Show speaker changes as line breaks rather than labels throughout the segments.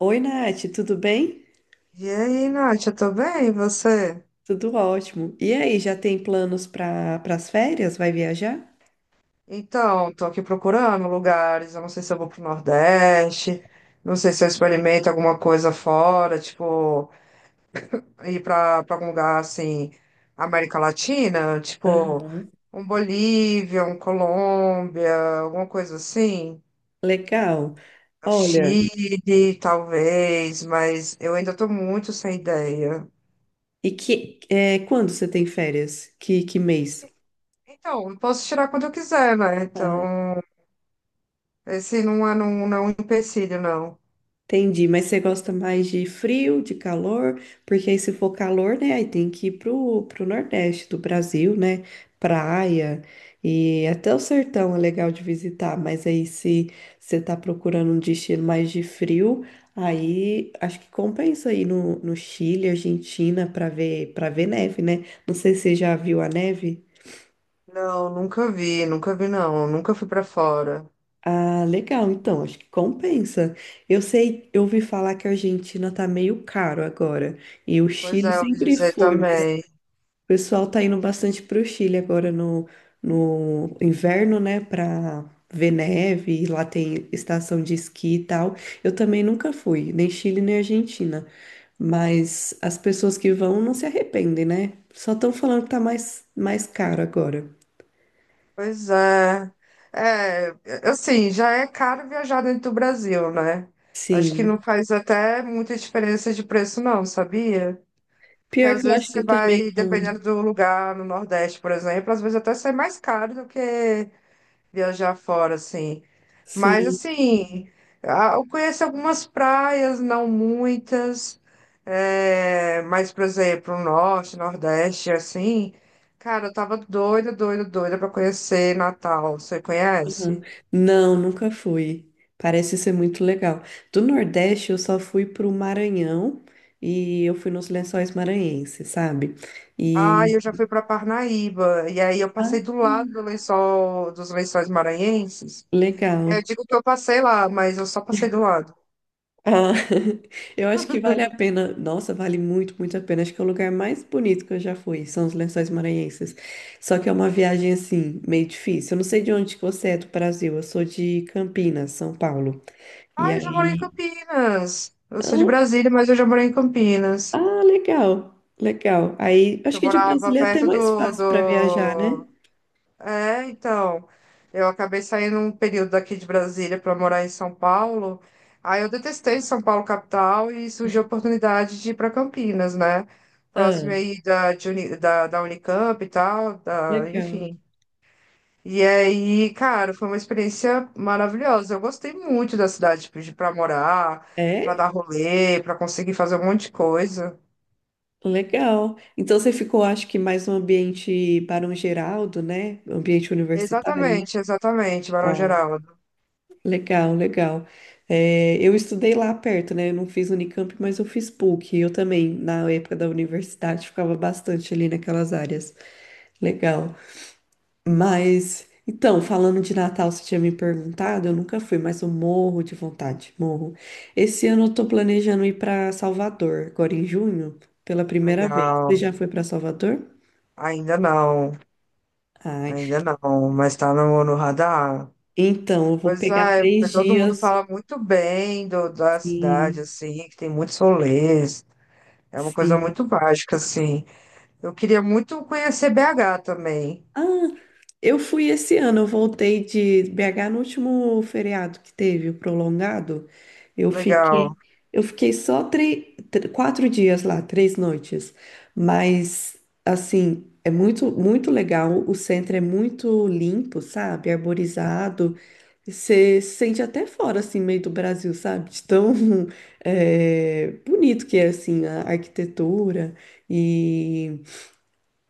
Oi, Nath, tudo bem?
E aí, Nath, eu tô bem, e você?
Tudo ótimo. E aí, já tem planos para as férias? Vai viajar?
Então, tô aqui procurando lugares, eu não sei se eu vou pro Nordeste, não sei se eu experimento alguma coisa fora, tipo, ir pra algum lugar, assim, América Latina, tipo,
Aham.
um Bolívia, um Colômbia, alguma coisa assim.
Legal.
O
Olha,
Chile, talvez, mas eu ainda tô muito sem ideia.
quando você tem férias? Que mês?
Então, eu posso tirar quando eu quiser, né? Então, esse não é, não, não é um empecilho, não.
Entendi, mas você gosta mais de frio, de calor? Porque aí se for calor, né, aí tem que ir pro Nordeste do Brasil, né? Praia e até o sertão é legal de visitar, mas aí se você tá procurando um destino mais de frio, aí acho que compensa ir no Chile, Argentina para ver neve, né? Não sei se você já viu a neve.
Não, nunca vi não, nunca fui pra fora.
Ah, legal. Então, acho que compensa. Eu sei, eu ouvi falar que a Argentina tá meio caro agora. E o
Pois
Chile
é, eu ouvi
sempre
dizer
foi, mas o
também.
pessoal tá indo bastante pro Chile agora no inverno, né? Pra ver neve. Lá tem estação de esqui e tal. Eu também nunca fui, nem Chile nem Argentina. Mas as pessoas que vão não se arrependem, né? Só estão falando que tá mais caro agora.
Pois é. É, assim, já é caro viajar dentro do Brasil, né? Acho que
Sim.
não faz até muita diferença de preço não, sabia? Porque
Pior
às
que eu
vezes
acho
você
que também
vai,
não.
dependendo do lugar, no Nordeste, por exemplo, às vezes até sai mais caro do que viajar fora, assim. Mas,
Sim.
assim, eu conheço algumas praias, não muitas, é, mas, por exemplo, o norte, nordeste, assim, cara, eu tava doida, doida, doida pra conhecer Natal. Você
Aham.
conhece?
Não, nunca fui. Parece ser muito legal. Do Nordeste, eu só fui pro Maranhão e eu fui nos Lençóis Maranhenses, sabe?
Ah,
E
eu já fui pra Parnaíba, e aí eu
ah,
passei do lado do lençol, dos lençóis maranhenses. Eu
legal.
digo que eu passei lá, mas eu só passei do lado.
Ah, eu acho que vale a pena. Nossa, vale muito a pena. Acho que é o lugar mais bonito que eu já fui, são os Lençóis Maranhenses. Só que é uma viagem assim, meio difícil. Eu não sei de onde que você é do Brasil. Eu sou de Campinas, São Paulo. E
Ah, eu já morei em
aí,
Campinas. Eu sou de
ah,
Brasília, mas eu já morei em Campinas.
ah, legal, legal. Aí, acho
Eu
que de
morava
Brasília é até
perto
mais
do,
fácil para viajar, né?
do... É, então, eu acabei saindo um período daqui de Brasília para morar em São Paulo. Aí eu detestei São Paulo capital e surgiu a oportunidade de ir para Campinas, né?
Ah,
Próximo aí da Unicamp e tal, da,
legal.
enfim. E aí, cara, foi uma experiência maravilhosa. Eu gostei muito da cidade, tipo, de para morar, para
É?
dar rolê, para conseguir fazer um monte de coisa.
Legal. Então você ficou, acho que mais um ambiente Barão Geraldo, né? Ambiente universitário.
Exatamente, exatamente, Barão
Ah,
Geraldo.
legal, legal. É, eu estudei lá perto, né? Eu não fiz Unicamp, mas eu fiz PUC. Eu também, na época da universidade, ficava bastante ali naquelas áreas. Legal. Mas, então, falando de Natal, você tinha me perguntado, eu nunca fui, mas eu morro de vontade, morro. Esse ano eu tô planejando ir para Salvador, agora em junho, pela primeira vez. Você
Legal.
já foi para Salvador?
Ainda não,
Ai,
ainda não, mas tá no radar.
então, eu vou
Pois
pegar
é, porque
três
todo mundo
dias.
fala muito bem da cidade,
Sim,
assim, que tem muitos rolês. É uma coisa
sim.
muito mágica, assim. Eu queria muito conhecer BH também.
Ah, eu fui esse ano, eu voltei de BH no último feriado que teve, o prolongado. Eu
Legal.
fiquei, eu fiquei só 3, 4 dias lá, 3 noites. Mas, assim, é muito legal. O centro é muito limpo, sabe? Arborizado. Você se sente até fora, assim, meio do Brasil, sabe? De tão bonito que é, assim, a arquitetura.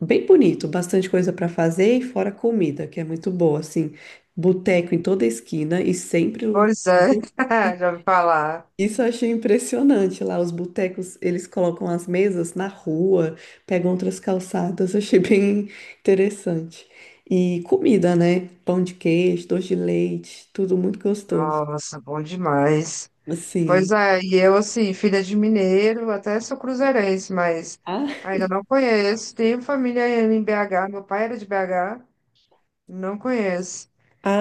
Bem bonito, bastante coisa para fazer e fora comida, que é muito boa, assim, boteco em toda esquina e sempre
Pois é,
lotado.
já ouvi falar.
Isso eu achei impressionante lá, os botecos, eles colocam as mesas na rua, pegam outras calçadas, eu achei bem interessante. E comida, né? Pão de queijo, doce de leite, tudo muito gostoso.
Nossa, bom demais.
Assim,
Pois é, e eu, assim, filha de mineiro, até sou cruzeirense, mas
ah,
ainda não conheço. Tenho família em BH, meu pai era de BH. Não conheço.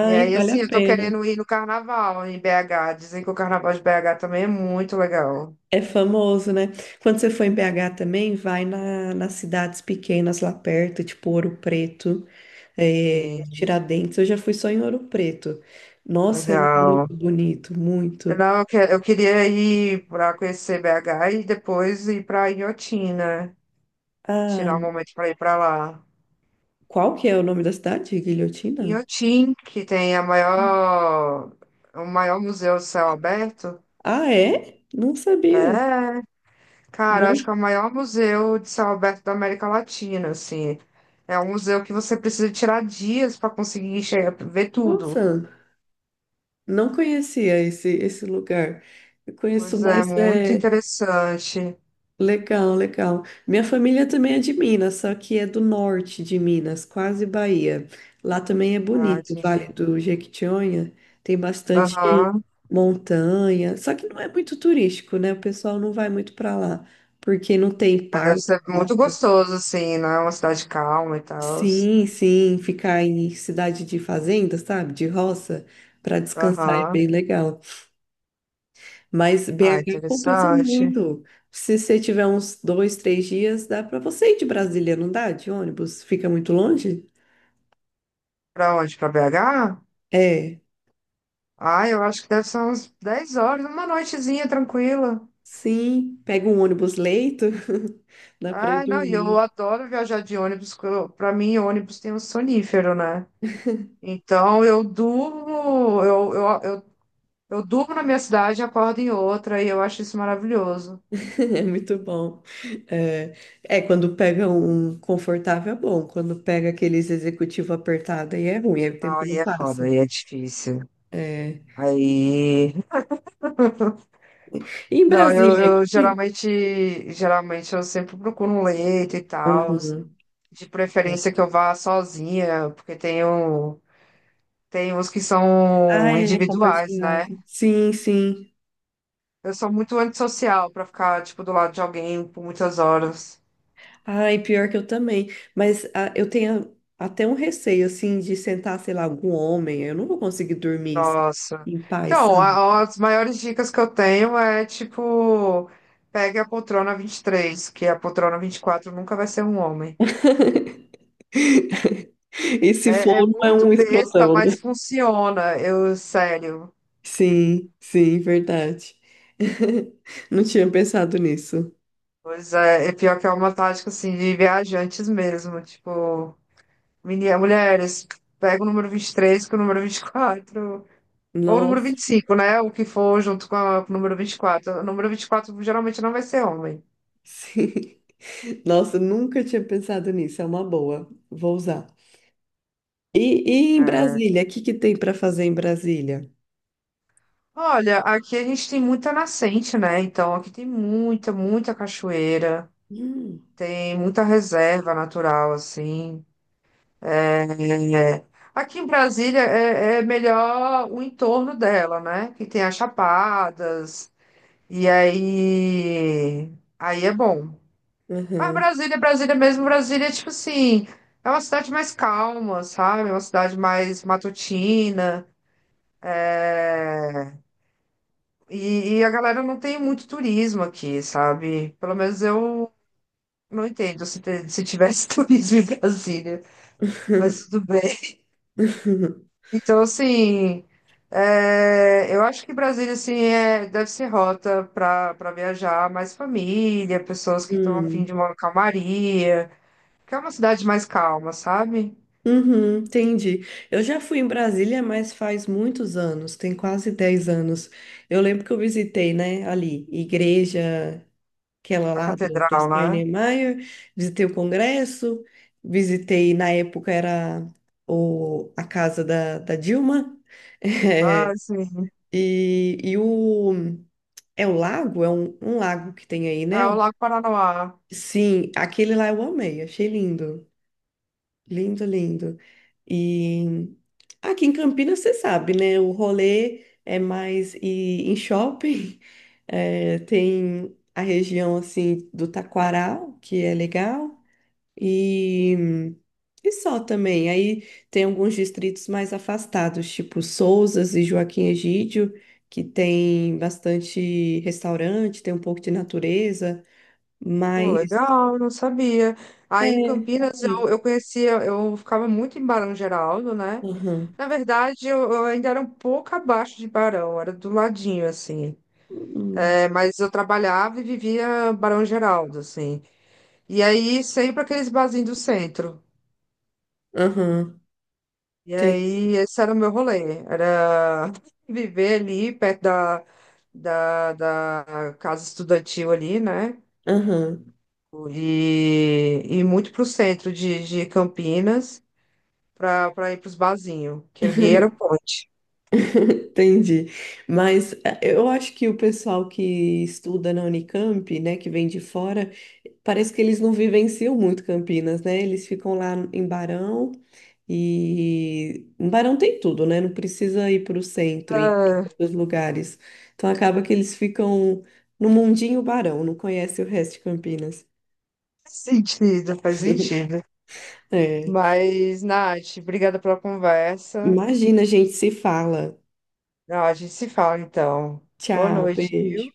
E aí,
vale a
assim, eu tô
pena.
querendo ir no carnaval em BH. Dizem que o carnaval de BH também é muito legal.
É famoso, né? Quando você for em BH também, vai nas cidades pequenas lá perto, tipo Ouro Preto,
Sim,
Tiradentes. Eu já fui só em Ouro Preto. Nossa, é
legal.
muito bonito, muito.
Não, eu, eu queria ir para conhecer BH e depois ir para Inhotim, né?
Ah,
Tirar um momento para ir para lá.
qual que é o nome da cidade? Guilhotina?
Inhotim, que tem o maior museu de céu aberto.
Ah, é? Não sabia.
É. Cara, eu acho que
Não,
é o maior museu de céu aberto da América Latina, assim. É um museu que você precisa tirar dias para conseguir chegar, ver tudo.
nossa, não conhecia esse lugar. Eu conheço
Pois é,
mais.
muito
É
interessante.
Legal, legal. Minha família também é de Minas, só que é do norte de Minas, quase Bahia. Lá também é
Ah,
bonito, o Vale
entendi.
do Jequitinhonha tem bastante
Aham.
montanha, só que não é muito turístico, né? O pessoal não vai muito para lá, porque não tem
Mas deve
parque,
ser muito
nada.
gostoso, assim, né? É uma cidade calma e tal.
Sim, sim, ficar em cidade de fazenda, sabe? De roça, para descansar é
Aham.
bem legal. Mas
Ah,
BH compensa
interessante.
muito. Se você tiver uns dois, 3 dias, dá para você ir de Brasília, não dá? De ônibus? Fica muito longe?
Pra onde? Pra BH?
É,
Ah, eu acho que deve ser uns 10 horas, uma noitezinha tranquila.
sim. Pega um ônibus leito, dá para ir
Ah, não, e eu
dormindo.
adoro viajar de ônibus, porque pra mim ônibus tem um sonífero, né? Então, eu durmo, eu durmo na minha cidade e acordo em outra, e eu acho isso maravilhoso.
É muito bom. É, quando pega um confortável é bom. Quando pega aqueles executivo apertado aí é ruim, aí o
Não,
tempo
aí
não
é foda,
passa.
aí é difícil.
É.
Aí.
E em
Não, eu,
Brasília,
eu
aqui.
geralmente, geralmente eu sempre procuro um leito e tal,
Aham.
de
É.
preferência que eu vá sozinha, porque tenho, tem uns que são
Ah, é,
individuais, né?
compartilhado. Sim, sim.
Eu sou muito antissocial para ficar, tipo, do lado de alguém por muitas horas.
Ai, pior que eu também. Mas ah, eu tenho até um receio, assim, de sentar, sei lá, algum homem. Eu não vou conseguir dormir assim,
Nossa.
em paz,
Então,
sabe?
as maiores dicas que eu tenho é tipo, pegue a poltrona 23, que a poltrona 24 nunca vai ser um homem.
E se
É. É
for, não é
muito
um
besta,
escrotão, né?
mas funciona, eu, sério.
Sim, sim, verdade. Não tinha pensado nisso.
Pois é, é pior que é uma tática assim de viajantes mesmo, tipo, mulheres, pega o número 23 com o número 24 ou o número
Nossa,
25, né? O que for junto com o número 24. O número 24 geralmente não vai ser homem.
sim. Nossa, nunca tinha pensado nisso. É uma boa. Vou usar. E, e em Brasília? O que que tem para fazer em Brasília?
Olha, aqui a gente tem muita nascente, né? Então aqui tem muita cachoeira,
Hum.
tem muita reserva natural, assim. É, aqui em Brasília é melhor o entorno dela, né? Que tem as chapadas, e aí é bom. Mas
Aham.
Brasília, Brasília mesmo, Brasília, é tipo assim, é uma cidade mais calma, sabe? É uma cidade mais matutina. É, e a galera não tem muito turismo aqui, sabe? Pelo menos eu não entendo se, se tivesse turismo em Brasília, mas tudo bem. Então, assim, é, eu acho que Brasília, assim, é, deve ser rota para viajar mais família, pessoas que estão a fim de
Hum.
uma calmaria, que é uma cidade mais calma, sabe?
Uhum, entendi. Eu já fui em Brasília, mas faz muitos anos, tem quase 10 anos. Eu lembro que eu visitei, né, ali, igreja, aquela
A
lá do
catedral, né?
Steinmeier, visitei o Congresso, visitei, na época era a casa da Dilma,
Ah,
eh,
sim.
e o... É o lago? É um lago que tem aí, né?
É o Lago Paranoá.
Sim, aquele lá eu amei, achei lindo. Lindo, lindo. E aqui em Campinas, você sabe, né? O rolê é mais ir em shopping. É, tem a região, assim, do Taquaral, que é legal. E, e só também. Aí tem alguns distritos mais afastados, tipo Sousas e Joaquim Egídio, que tem bastante restaurante, tem um pouco de natureza,
Pô,
mas...
legal, não sabia.
É,
Aí em Campinas
bonito.
eu conhecia, eu ficava muito em Barão Geraldo, né?
Aham.
Na verdade, eu ainda era um pouco abaixo de Barão, era do ladinho, assim.
Uhum.
É, mas eu trabalhava e vivia Barão Geraldo, assim. E aí sempre aqueles barzinhos do centro.
Aham.
E
Tem
aí esse era o meu rolê, era viver ali perto da casa estudantil ali, né?
Aham,
E muito pro centro de Campinas, pra ir pros barzinhos, que ali era o ponte.
entendi. Mas eu acho que o pessoal que estuda na Unicamp, né, que vem de fora, parece que eles não vivenciam muito Campinas, né? Eles ficam lá em Barão e em Barão tem tudo, né? Não precisa ir para o centro e ir
Ah,
para outros lugares. Então acaba que eles ficam no mundinho Barão, não conhece o resto de Campinas.
faz sentido, faz sentido.
É.
Mas, Nath, obrigada pela conversa.
Imagina, a gente se fala.
Ah, a gente se fala então. Boa
Tchau,
noite.
beijo.